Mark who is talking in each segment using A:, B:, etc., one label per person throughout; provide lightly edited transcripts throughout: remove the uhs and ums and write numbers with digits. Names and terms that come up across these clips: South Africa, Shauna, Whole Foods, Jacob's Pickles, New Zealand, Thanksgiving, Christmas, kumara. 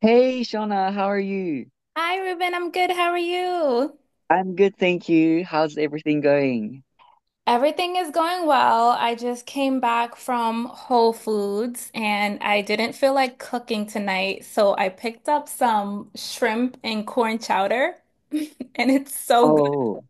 A: Hey, Shauna, how are you?
B: Hi, Ruben. I'm good. How are you?
A: I'm good, thank you. How's everything going?
B: Everything is going well. I just came back from Whole Foods and I didn't feel like cooking tonight, so I picked up some shrimp and corn chowder, and it's so good.
A: Oh,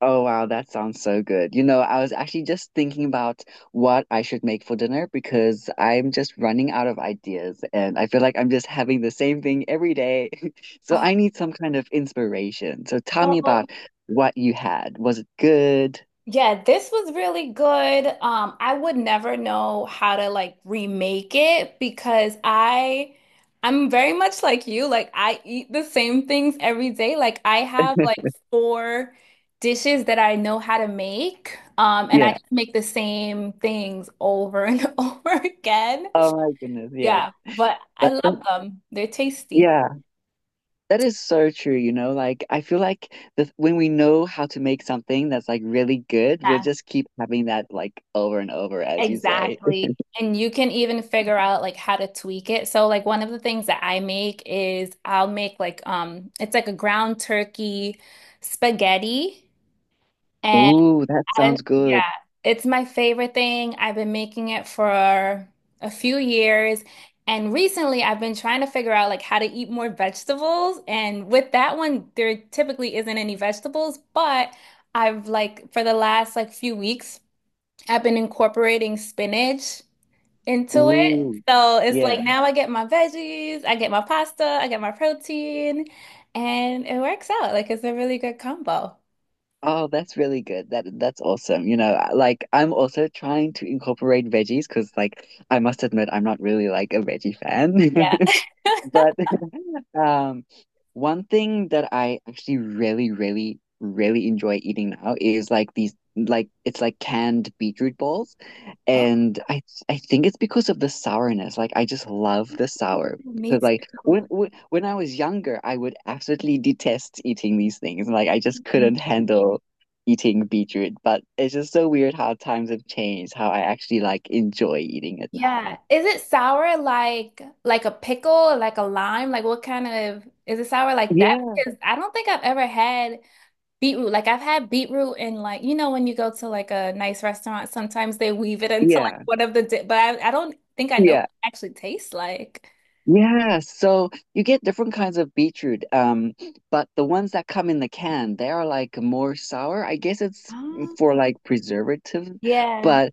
A: oh wow, that sounds so good. You know, I was actually just thinking about what I should make for dinner because I'm just running out of ideas and I feel like I'm just having the same thing every day. So I need some kind of inspiration. So tell me
B: Oh.
A: about what you had. Was it good?
B: Yeah, this was really good. I would never know how to like remake it because I'm very much like you. Like I eat the same things every day. Like I have like four dishes that I know how to make. And I
A: Yeah.
B: just make the same things over and over again.
A: Oh my goodness,
B: Yeah,
A: yeah.
B: but I
A: But that,
B: love them. They're tasty.
A: yeah. That is so true, you know, like I feel like the when we know how to make something that's like really good, we'll
B: Yeah.
A: just keep having that like over and over, as you say.
B: Exactly. And you can even figure out like how to tweak it. So like one of the things that I make is I'll make like it's like a ground turkey spaghetti and
A: Ooh, that
B: I
A: sounds good.
B: yeah, it's my favorite thing. I've been making it for a few years and recently I've been trying to figure out like how to eat more vegetables and with that one there typically isn't any vegetables, but I've like for the last like few weeks I've been incorporating spinach into it.
A: Ooh,
B: So it's like
A: yeah.
B: now I get my veggies, I get my pasta, I get my protein, and it works out. Like it's a really good combo.
A: Oh, that's really good. That's awesome. You know, like I'm also trying to incorporate veggies because like I must admit I'm not really like a veggie fan.
B: Yeah.
A: But Um, one thing that I actually really, really, really enjoy eating now is like these like it's like canned beetroot balls. And I think it's because of the sourness. Like I just love the sour.
B: Me
A: Because like when
B: too.
A: when when I was younger, I would absolutely detest eating these things. Like I just couldn't handle eating beetroot. But it's just so weird how times have changed, how I actually like enjoy eating it now.
B: Yeah. Is it sour like a pickle or like a lime? Like what kind of is it sour like that?
A: Yeah,
B: Because I don't think I've ever had beetroot. Like I've had beetroot in like you know when you go to like a nice restaurant, sometimes they weave it into like
A: yeah,
B: one of the di but I don't think I know what
A: yeah.
B: it actually tastes like.
A: Yeah, so you get different kinds of beetroot, but the ones that come in the can, they are like more sour. I guess it's for
B: Oh.
A: like preservative,
B: Yeah,
A: but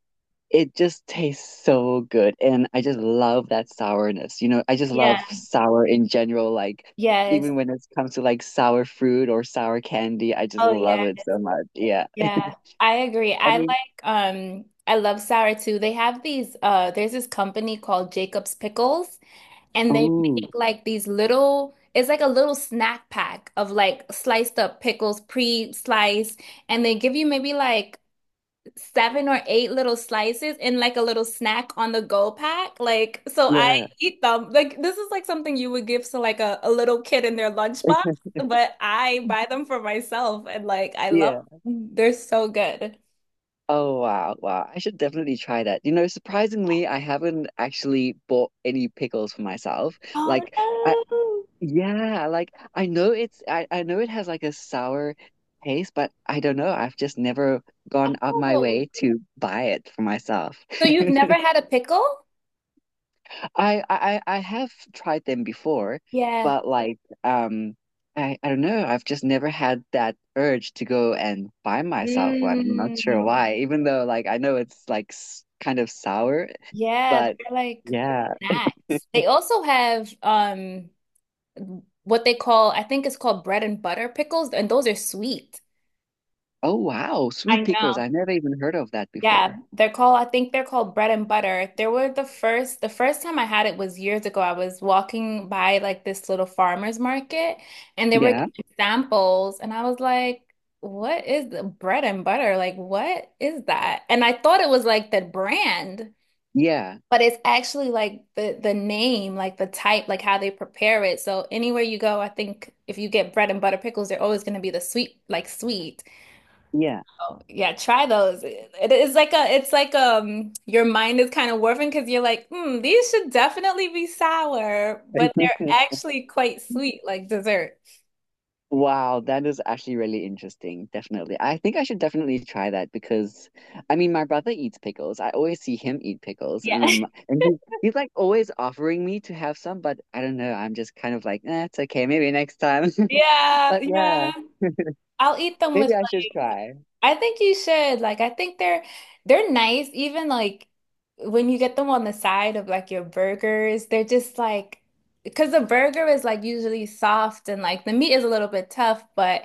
A: it just tastes so good. And I just love that sourness. You know, I just
B: yeah,
A: love sour in general, like
B: yes.
A: even when it comes to like sour fruit or sour candy, I just
B: Oh yeah,
A: love it so much. Yeah.
B: yeah. I agree.
A: I
B: I like
A: mean,
B: I love sour too. They have these there's this company called Jacob's Pickles and they
A: oh,
B: make like these little it's like a little snack pack of like sliced up pickles pre-sliced and they give you maybe like seven or eight little slices in like a little snack on the go pack. Like, so I
A: yeah,
B: eat them. Like, this is like something you would give to like a little kid in their lunchbox, but I buy them for myself and like I love
A: yeah.
B: them. They're so good.
A: Oh wow, wow. I should definitely try that. You know, surprisingly, I haven't actually bought any pickles for myself.
B: Oh
A: Like I
B: no.
A: yeah, like I know it's I know it has like a sour taste, but I don't know. I've just never gone out my
B: Oh.
A: way to buy it for myself.
B: So you've never had a pickle?
A: I have tried them before,
B: Yeah.
A: but like um I don't know, I've just never had that urge to go and buy myself one. I'm not sure
B: Mm.
A: why, even though like I know it's like s kind of sour,
B: Yeah,
A: but
B: they're like good
A: yeah.
B: snacks. They also have what they call, I think it's called bread and butter pickles, and those are sweet.
A: Oh wow, sweet
B: I
A: pickles.
B: know.
A: I never even heard of that
B: Yeah,
A: before.
B: they're called, I think they're called bread and butter. They were the first time I had it was years ago. I was walking by like this little farmer's market and they were
A: Yeah.
B: giving samples and I was like, what is the bread and butter? Like, what is that? And I thought it was like the brand,
A: Yeah.
B: but it's actually like the name, like the type, like how they prepare it. So anywhere you go, I think if you get bread and butter pickles, they're always going to be the sweet, like sweet.
A: Yeah.
B: Yeah, try those. It's like it's like your mind is kind of warping because you're like, hmm, these should definitely be sour, but they're actually quite sweet, like dessert.
A: Wow, that is actually really interesting. Definitely. I think I should definitely try that because I mean my brother eats pickles. I always see him eat pickles
B: Yeah,
A: and I'm and he's like always offering me to have some, but I don't know. I'm just kind of like, eh, it's okay, maybe next time.
B: yeah,
A: But
B: yeah.
A: yeah,
B: I'll eat them with
A: maybe I should try.
B: I think you should. Like, I think they're nice, even like when you get them on the side of like your burgers, they're just like because the burger is like usually soft and like the meat is a little bit tough, but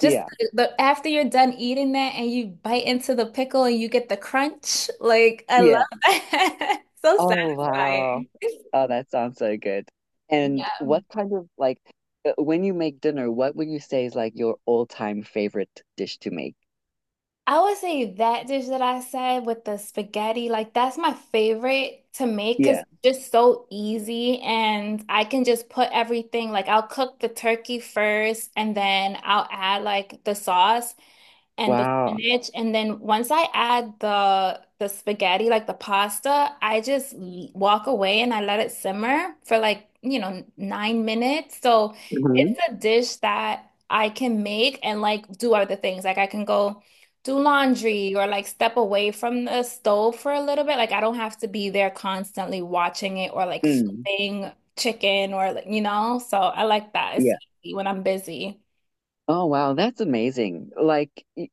B: just
A: Yeah.
B: after you're done eating that and you bite into the pickle and you get the crunch, like I love
A: Yeah.
B: that. So
A: Oh wow.
B: satisfying.
A: Oh, that sounds so good. And
B: Yeah.
A: what kind of like when you make dinner, what would you say is like your all-time favorite dish to make?
B: I would say that dish that I said with the spaghetti, like that's my favorite to make because
A: Yeah.
B: it's just so easy and I can just put everything, like I'll cook the turkey first and then I'll add like the sauce and the
A: Wow.
B: spinach. And then once I add the spaghetti, like the pasta, I just walk away and I let it simmer for like, you know, 9 minutes. So it's a dish that I can make and like do other things. Like I can go do laundry or like step away from the stove for a little bit. Like I don't have to be there constantly watching it or like
A: Mm,
B: flipping chicken or like, you know. So I like that. It's
A: yeah.
B: easy when I'm busy.
A: Oh wow, that's amazing.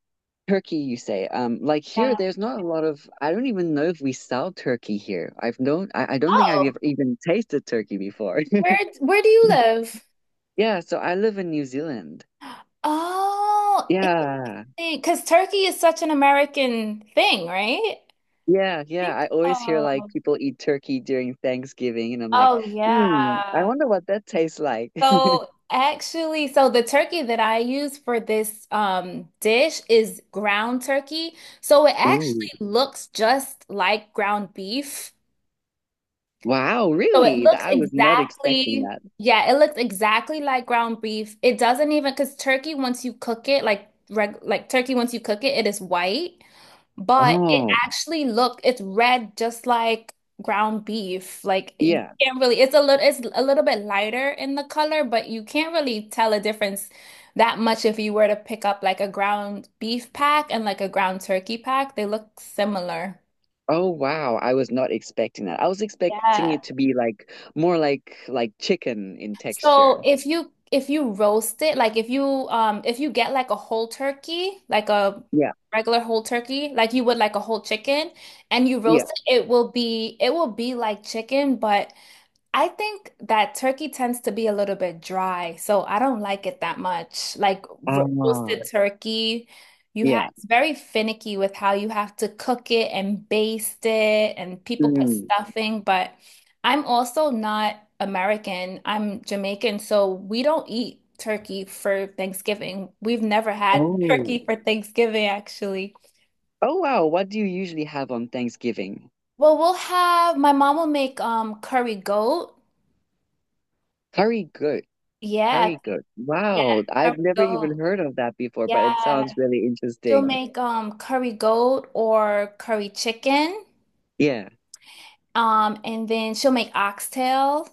A: Turkey, you say. Like here,
B: Yeah.
A: there's not a lot of. I don't even know if we sell turkey here. I've known. I don't think I've
B: Oh,
A: ever even tasted turkey before.
B: where where do you live?
A: Yeah, so I live in New Zealand.
B: Oh,
A: Yeah,
B: interesting. Because turkey is such an American thing, right? I
A: yeah, yeah.
B: think
A: I always hear like
B: so.
A: people eat turkey during Thanksgiving, and I'm like,
B: Oh,
A: hmm, I
B: yeah.
A: wonder what that tastes like.
B: So actually, so the turkey that I use for this dish is ground turkey. So it
A: Oh,
B: actually looks just like ground beef.
A: wow,
B: So it
A: really?
B: looks
A: I was not expecting
B: exactly,
A: that.
B: yeah, it looks exactly like ground beef. It doesn't even because turkey once you cook it, like turkey once you cook it, it is white. But it
A: Oh,
B: actually looked, it's red just like ground beef. Like you
A: yeah.
B: can't really, it's a little bit lighter in the color, but you can't really tell a difference that much if you were to pick up like a ground beef pack and like a ground turkey pack. They look similar.
A: Oh wow, I was not expecting that. I was expecting
B: Yeah.
A: it to be like more like chicken in
B: So
A: texture.
B: if you roast it, like if you get like a whole turkey, like a
A: Yeah,
B: regular whole turkey, like you would like a whole chicken, and you
A: yeah.
B: roast it, it will be like chicken, but I think that turkey tends to be a little bit dry, so I don't like it that much. Like ro
A: Ah,
B: roasted turkey, you have
A: yeah.
B: it's very finicky with how you have to cook it and baste it, and people put
A: Mm.
B: stuffing. But I'm also not American. I'm Jamaican, so we don't eat turkey for Thanksgiving. We've never had
A: Oh.
B: turkey for Thanksgiving, actually.
A: Oh wow, what do you usually have on Thanksgiving?
B: Well, we'll have my mom will make curry goat.
A: Curry goat.
B: Yeah,
A: Curry goat.
B: yeah,
A: Wow,
B: curry
A: I've never even
B: goat.
A: heard of that before, but it
B: Yeah,
A: sounds really
B: she'll
A: interesting.
B: make curry goat or curry chicken.
A: Yeah.
B: And then she'll make oxtail.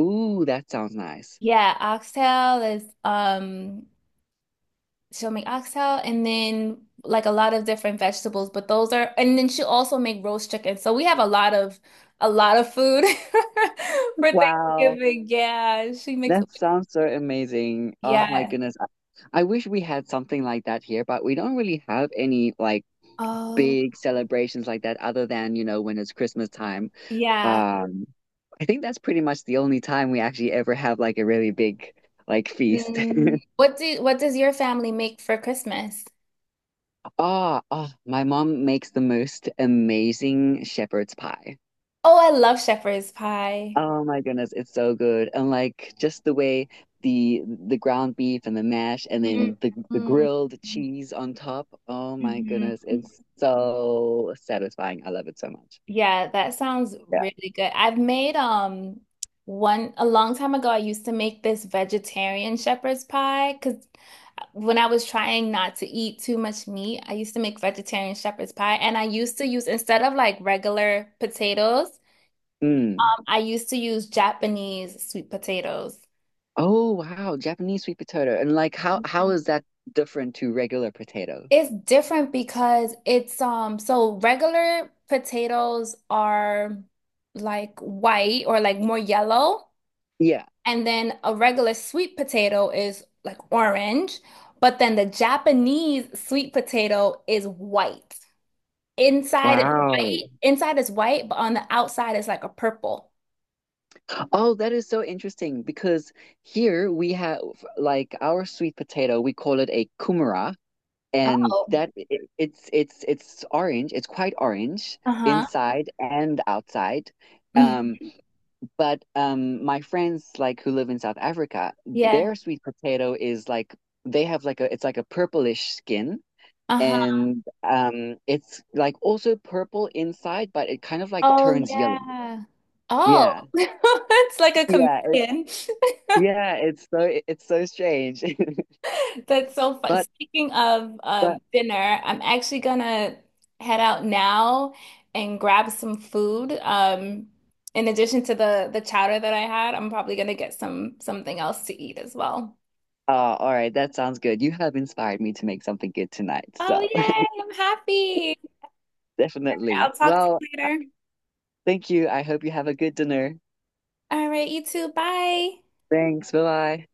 A: Ooh, that sounds nice.
B: Yeah, oxtail is she'll make oxtail and then like a lot of different vegetables, but those are and then she'll also make roast chicken. So we have a lot of food for
A: Wow,
B: Thanksgiving. Yeah, she makes
A: that sounds so amazing. Oh my
B: yeah.
A: goodness. I wish we had something like that here, but we don't really have any like
B: Oh,
A: big celebrations like that other than, you know, when it's Christmas time.
B: yeah.
A: Um, I think that's pretty much the only time we actually ever have like a really big like feast.
B: Mm, What does your family make for Christmas?
A: Ah, oh, my mom makes the most amazing shepherd's pie.
B: Oh, I love shepherd's pie.
A: Oh my goodness, it's so good. And like just the way the ground beef and the mash and then the
B: Mhm.
A: grilled cheese on top. Oh my
B: Mhm.
A: goodness, it's so satisfying. I love it so much.
B: Yeah, that sounds
A: Yeah.
B: really good. I've made one a long time ago I used to make this vegetarian shepherd's pie because when I was trying not to eat too much meat, I used to make vegetarian shepherd's pie and I used to use instead of like regular potatoes,
A: Mm.
B: I used to use Japanese sweet potatoes.
A: Oh wow, Japanese sweet potato. And like how is that different to regular potato?
B: It's different because it's so regular potatoes are like white or like more yellow,
A: Yeah.
B: and then a regular sweet potato is like orange, but then the Japanese sweet potato is white.
A: Wow.
B: Inside is white, but on the outside is like a purple.
A: Oh, that is so interesting because here we have like our sweet potato, we call it a kumara, and
B: Oh.
A: that it, it's orange, it's quite orange
B: Uh-huh.
A: inside and outside. Um,
B: Hmm.
A: but my friends like who live in South Africa,
B: Yeah.
A: their sweet potato is like they have like a it's like a purplish skin
B: Uh-huh.
A: and it's like also purple inside but it kind of like
B: Oh
A: turns yellow,
B: yeah. Oh,
A: yeah,
B: it's like a
A: yeah it's
B: chameleon.
A: yeah it's so it's so strange.
B: That's so fun.
A: but
B: Speaking of
A: but
B: dinner, I'm actually gonna head out now and grab some food. In addition to the chowder that I had, I'm probably gonna get some something else to eat as well.
A: uh, all right, that sounds good. You have inspired me to make something good tonight,
B: Oh,
A: so
B: yay! I'm happy. I'll
A: definitely.
B: talk to
A: Well,
B: you later.
A: thank you. I hope you have a good dinner.
B: All right, you too. Bye.
A: Thanks. Bye bye.